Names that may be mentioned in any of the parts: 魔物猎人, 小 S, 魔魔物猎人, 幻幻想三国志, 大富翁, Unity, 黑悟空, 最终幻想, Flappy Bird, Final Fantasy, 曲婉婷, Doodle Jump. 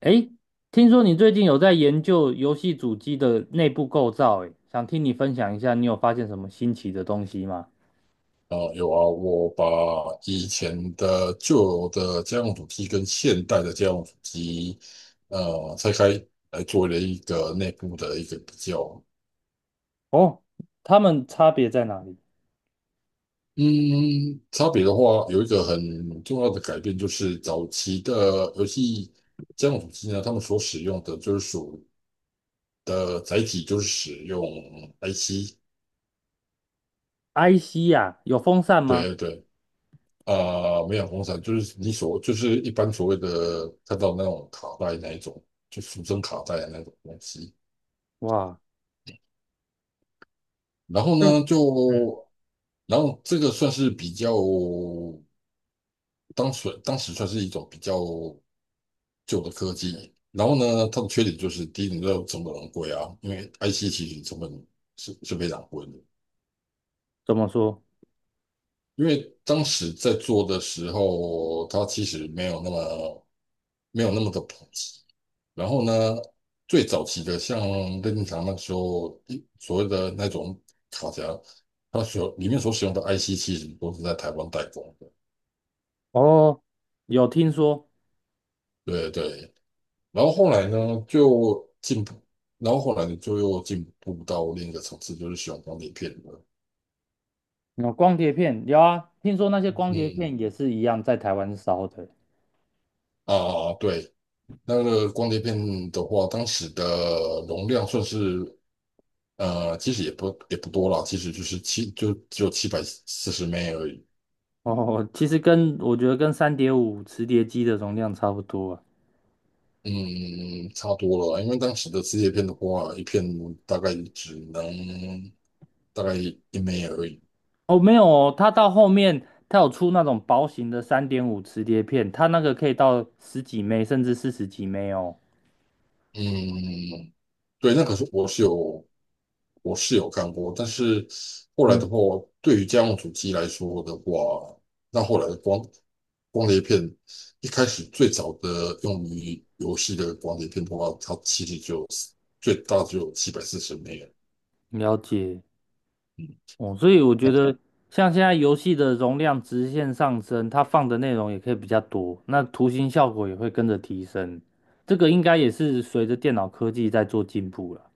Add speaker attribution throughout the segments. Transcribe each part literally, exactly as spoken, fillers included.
Speaker 1: 诶，听说你最近有在研究游戏主机的内部构造，诶，想听你分享一下，你有发现什么新奇的东西吗？
Speaker 2: 哦，有啊，我把以前的旧的家用主机跟现代的家用主机，呃，拆开来做了一个内部的一个比较。
Speaker 1: 哦，它们差别在哪里
Speaker 2: 嗯，差别的话，有一个很重要的改变，就是早期的游戏家用主机呢，他们所使用的就是属的载体就是使用 I C，
Speaker 1: ？I C 呀，有风扇吗？
Speaker 2: 对对。啊、没有红伞，就是你所就是一般所谓的看到那种卡带那一种，就俗称卡带的那种东西。
Speaker 1: 哇，
Speaker 2: 然后
Speaker 1: 这
Speaker 2: 呢，
Speaker 1: 嗯，
Speaker 2: 就然后这个算是比较当时当时算是一种比较旧的科技。然后呢，它的缺点就是第一，你知道成本很贵啊，因为 I C 其实成本是是非常贵的。
Speaker 1: 怎么说？
Speaker 2: 因为当时在做的时候，它其实没有那么没有那么的普及。然后呢，最早期的像任天堂那个时候，一所谓的那种卡夹，它所里面所使用的 I C 其实都是在台湾代工的。
Speaker 1: 哦，有听说
Speaker 2: 对对。然后后来呢，就进步，然后后来就又进步到另一个层次，就是使用光碟片了。
Speaker 1: 有光碟片，有啊，听说那些光碟片
Speaker 2: 嗯
Speaker 1: 也是一样在台湾烧的。
Speaker 2: 啊，对。那个光碟片的话，当时的容量算是呃，其实也不也不多了，其实就是七，就只有七百四十枚而已。
Speaker 1: 哦，其实跟我觉得跟三点五磁碟机的容量差不多啊。
Speaker 2: 嗯，差多了，因为当时的磁铁片的话，一片大概只能大概一枚而已。
Speaker 1: 哦，没有哦，它到后面它有出那种薄型的三点五磁碟片，它那个可以到十几枚甚至四十几枚哦。
Speaker 2: 嗯，对，那可是我是有我是有看过，但是后来
Speaker 1: 嗯，
Speaker 2: 的话，对于家用主机来说的话，那后来的光光碟片，一开始最早的用于游戏的光碟片的话，它其实就有最大只有七百四十枚。
Speaker 1: 了解哦，所以我觉得像现在游戏的容量直线上升，它放的内容也可以比较多，那图形效果也会跟着提升。这个应该也是随着电脑科技在做进步了。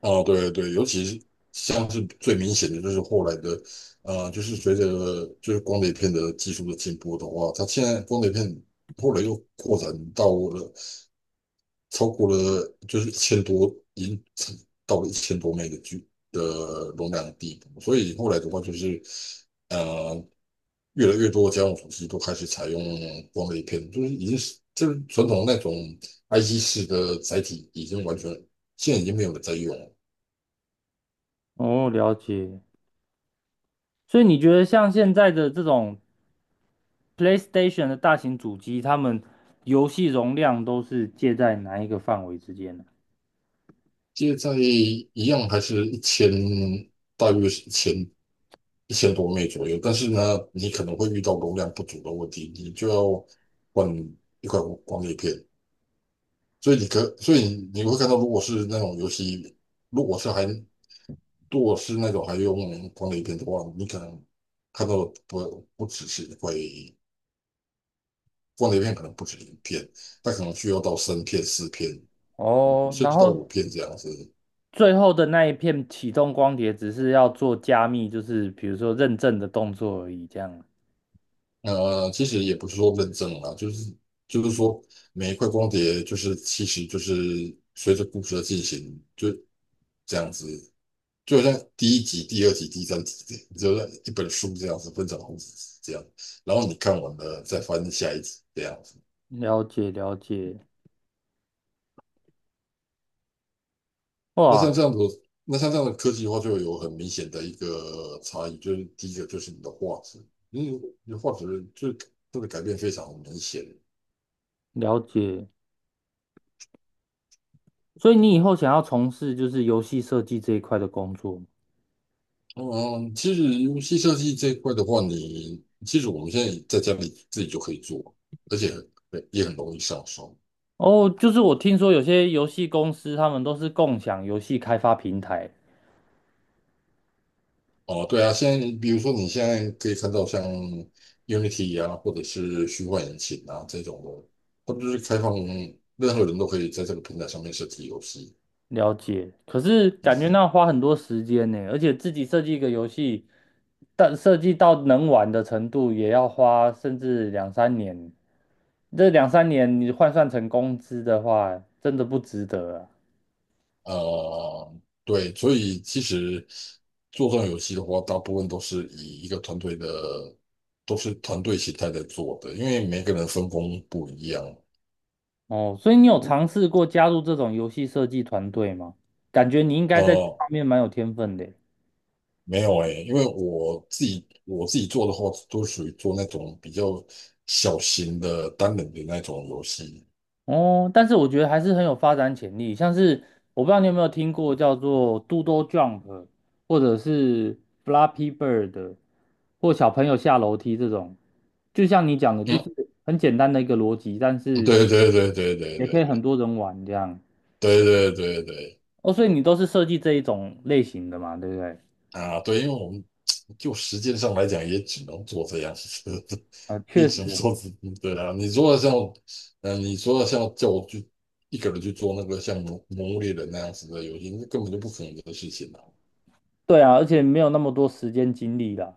Speaker 2: 哦，对对，尤其是像是最明显的就是后来的，呃，就是随着就是光碟片的技术的进步的话，它现在光碟片后来又扩展到了超过了就是一千多，已经到了一千多 M B 的距的容量的地步，所以后来的话就是，呃，越来越多的家用手机都开始采用光碟片，就是已经是就是传统那种 I C 式的载体已经完全现在已经没有人在用了。
Speaker 1: 哦，了解。所以你觉得像现在的这种 PlayStation 的大型主机，他们游戏容量都是介在哪一个范围之间呢？
Speaker 2: 接在一样还是一千，大约是一千一千多枚左右。但是呢，你可能会遇到容量不足的问题，你就要换一块光碟片。所以你可，所以你会看到，如果是那种游戏，如果是还如果是那种还用光碟片的话，你可能看到的不不只是一块光碟片，可能不止一片，它可能需要到三片、四片，
Speaker 1: 哦，
Speaker 2: 甚
Speaker 1: 然
Speaker 2: 至到五
Speaker 1: 后
Speaker 2: 片这样子。
Speaker 1: 最后的那一片启动光碟，只是要做加密，就是比如说认证的动作而已。这样，
Speaker 2: 呃，其实也不是说认证啦，就是就是说每一块光碟就是其实就是随着故事的进行，就这样子，就好像第一集、第二集、第三集，就像一本书这样子分成好几集这样，然后你看完了再翻下一集这样子。
Speaker 1: 了解了解，
Speaker 2: 那像
Speaker 1: 哇，
Speaker 2: 这样子，那像这样的科技的话，就有很明显的一个差异，就是第一个就是你的画质，因为你的画质就真的改变非常明显。
Speaker 1: 了解。所以你以后想要从事就是游戏设计这一块的工作吗？
Speaker 2: 嗯，其实游戏设计这一块的话，你其实我们现在在家里自己就可以做，而且很也很容易上手。
Speaker 1: 哦，就是我听说有些游戏公司他们都是共享游戏开发平台，
Speaker 2: 哦，对啊，现在比如说你现在可以看到像 Unity 啊，或者是虚幻引擎啊这种的，它不是开放任何人都可以在这个平台上面设计游戏。
Speaker 1: 了解，可是感觉那花很多时间呢，而且自己设计一个游戏，但设计到能玩的程度，也要花甚至两三年。这两三年你换算成工资的话，真的不值得啊。
Speaker 2: 呃，对，所以其实做这种游戏的话，大部分都是以一个团队的，都是团队形态在做的，因为每个人分工不一样。
Speaker 1: 哦，所以你有尝试过加入这种游戏设计团队吗？感觉你应该在这
Speaker 2: 呃，
Speaker 1: 方面蛮有天分的。
Speaker 2: 没有诶，因为我自己我自己做的话，都属于做那种比较小型的单人的那种游戏。
Speaker 1: 哦，但是我觉得还是很有发展潜力，像是我不知道你有没有听过叫做 Doodle Jump，或者是 Flappy Bird，或小朋友下楼梯这种，就像你讲的，就
Speaker 2: 嗯，
Speaker 1: 是很简单的一个逻辑，但是
Speaker 2: 对对对对对
Speaker 1: 也可以
Speaker 2: 对
Speaker 1: 很多人玩这样。
Speaker 2: 对对对对
Speaker 1: 哦，所以你都是设计这一种类型的嘛，对不对？
Speaker 2: 啊，对，因为我们 就时间上来讲，也只能做这样，子，
Speaker 1: 啊，
Speaker 2: 也
Speaker 1: 确
Speaker 2: 只能
Speaker 1: 实，
Speaker 2: 做这，对啊。你说像，嗯、你说像叫我去一个人去做那个像《魔魔物猎人》那样子的游戏，那根本就不可能的事情啊。
Speaker 1: 对啊，而且没有那么多时间精力啦。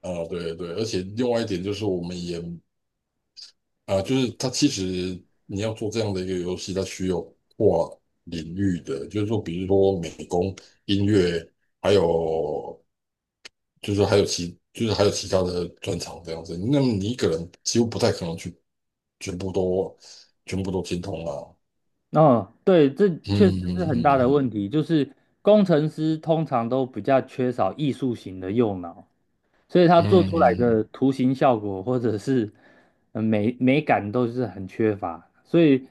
Speaker 2: 啊，对对，而且另外一点就是，我们也啊，就是它其实你要做这样的一个游戏，它需要跨领域的，就是说，比如说美工、音乐，还有就是还有其就是还有其他的专长这样子。那么你一个人几乎不太可能去全部都全部都精通啊。
Speaker 1: 哦，对，这
Speaker 2: 嗯
Speaker 1: 确实
Speaker 2: 嗯
Speaker 1: 是很大的问
Speaker 2: 嗯
Speaker 1: 题。就是工程师通常都比较缺少艺术型的右脑，所以他
Speaker 2: 嗯
Speaker 1: 做
Speaker 2: 嗯
Speaker 1: 出来
Speaker 2: 嗯
Speaker 1: 的图形效果或者是呃美美感都是很缺乏。所以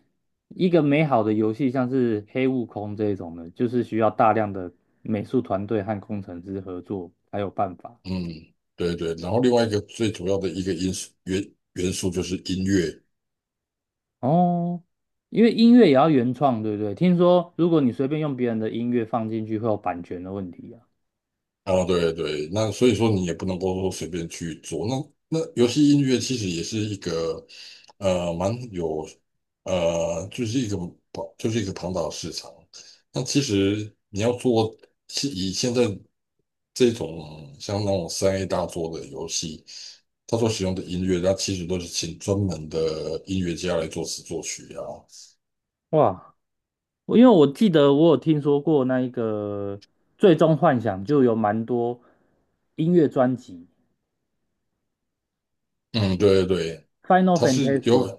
Speaker 1: 一个美好的游戏，像是《黑悟空》这种的，就是需要大量的美术团队和工程师合作才有办法。
Speaker 2: 嗯，对对。然后另外一个最主要的一个因素元元素就是音乐，
Speaker 1: 哦，因为音乐也要原创，对不对？听说如果你随便用别人的音乐放进去，会有版权的问题啊。
Speaker 2: 哦，对对，那所以说你也不能够说随便去做。那那游戏音乐其实也是一个呃蛮有呃就是一个庞就是一个庞大的市场。那其实你要做，是以现在这种像那种三 A 大作的游戏，它所使用的音乐，它其实都是请专门的音乐家来作词作曲啊。
Speaker 1: 哇，我因为我记得我有听说过那一个《最终幻想》，就有蛮多音乐专辑
Speaker 2: 嗯，对对对，
Speaker 1: 《Final
Speaker 2: 它是
Speaker 1: Fantasy》。
Speaker 2: 有。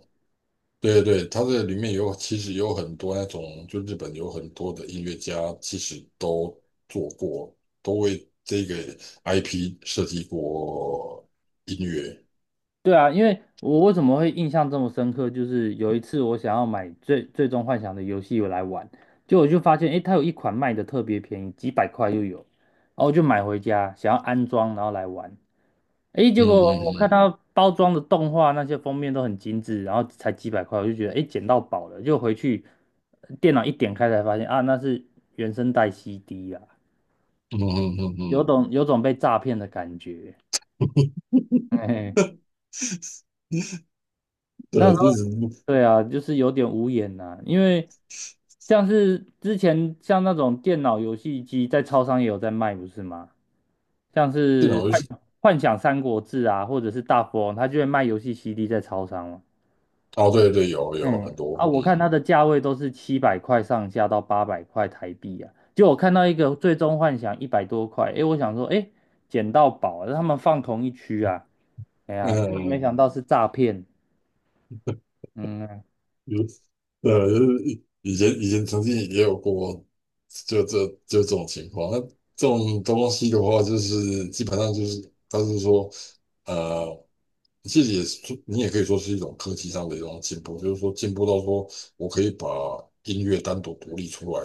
Speaker 2: 对对对，它这里面有其实有很多那种，就日本有很多的音乐家，其实都做过，都为这个 I P 设计过音乐。
Speaker 1: 对啊，因为我为什么会印象这么深刻，就是有一次我想要买最《最终幻想》的游戏来玩，结果我就发现，诶，它有一款卖的特别便宜，几百块就有，然后我就买回家，想要安装，然后来玩。诶，结
Speaker 2: 嗯
Speaker 1: 果我看
Speaker 2: 嗯
Speaker 1: 它包装的动画那些封面都很精致，然后才几百块，我就觉得诶，捡到宝了。就回去呃电脑一点开才发现啊，那是原声带 C D 啊，
Speaker 2: 嗯嗯嗯嗯
Speaker 1: 有
Speaker 2: 嗯，
Speaker 1: 种有种被诈骗的感觉。哎，那时
Speaker 2: 对，
Speaker 1: 候
Speaker 2: 就是
Speaker 1: 对啊，就是有点无言呐、因为像是之前像那种电脑游戏机在超商也有在卖，不是吗？像
Speaker 2: 这种
Speaker 1: 是
Speaker 2: 游戏
Speaker 1: 幻幻想三国志啊，或者是大富翁，他就会卖游戏 C D 在超商
Speaker 2: 哦，对对，有有
Speaker 1: 哎，
Speaker 2: 很
Speaker 1: 啊，
Speaker 2: 多，
Speaker 1: 我看
Speaker 2: 嗯
Speaker 1: 它的价位都是七百块上下到八百块台币啊，就我看到一个《最终幻想》一百多块，哎，我想说，哎，捡到宝啊，他们放同一区啊，哎
Speaker 2: 嗯。
Speaker 1: 呀，就没想到
Speaker 2: 嗯
Speaker 1: 是诈骗，
Speaker 2: 嗯
Speaker 1: 嗯
Speaker 2: 有，呃，就以前以前曾经也有过，就这就这种情况。那这种东西的话，就是基本上就是，他是说，呃，其实也是你也可以说是一种科技上的一种进步，就是说进步到说我可以把音乐单独独立出来，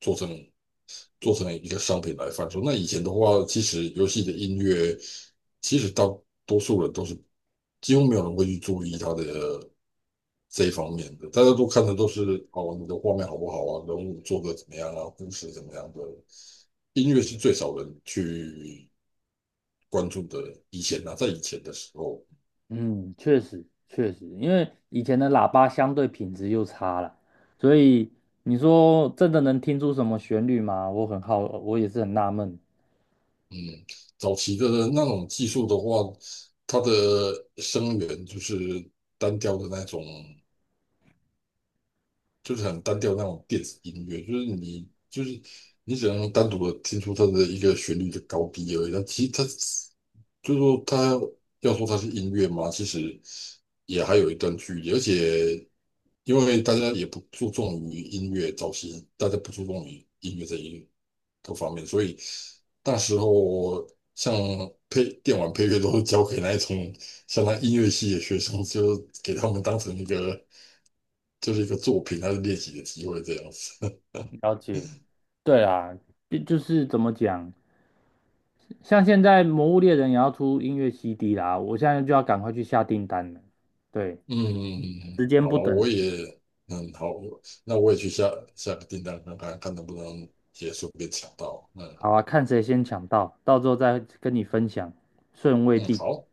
Speaker 2: 做成做成一个商品来贩售。那以前的话，其实游戏的音乐，其实大多数人都是几乎没有人会去注意它的。这一方面的，大家都看的都是哦，你的画面好不好啊，人物做的怎么样啊，故事怎么样的，音乐是最少人去关注的。以前啊，在以前的时候，
Speaker 1: 嗯，确实确实，因为以前的喇叭相对品质又差了，所以你说真的能听出什么旋律吗？我很好，我也是很纳闷，
Speaker 2: 嗯，早期的那种技术的话，它的声源就是单调的那种就是很单调那种电子音乐，就是你就是你只能单独的听出它的一个旋律的高低而已。但其实它就是说它要说它是音乐嘛，其实也还有一段距离。而且因为大家也不注重于音乐，早期大家不注重于音乐这一个方面，所以那时候像配电玩配乐都是交给那一种像那音乐系的学生，就给他们当成一个就是一个作品，它是练习的机会这样子。
Speaker 1: 了解。对啊，就就是怎么讲，像现在《魔物猎人》也要出音乐 C D 啦，我现在就要赶快去下订单了。对，
Speaker 2: 嗯，
Speaker 1: 时间
Speaker 2: 好
Speaker 1: 不
Speaker 2: 啊，
Speaker 1: 等
Speaker 2: 我
Speaker 1: 人，
Speaker 2: 也嗯好，那我也去下下个订单看看看能不能也顺便抢到。嗯
Speaker 1: 好啊，看谁先抢到，到时候再跟你分享顺位
Speaker 2: 嗯，
Speaker 1: 第几。
Speaker 2: 好。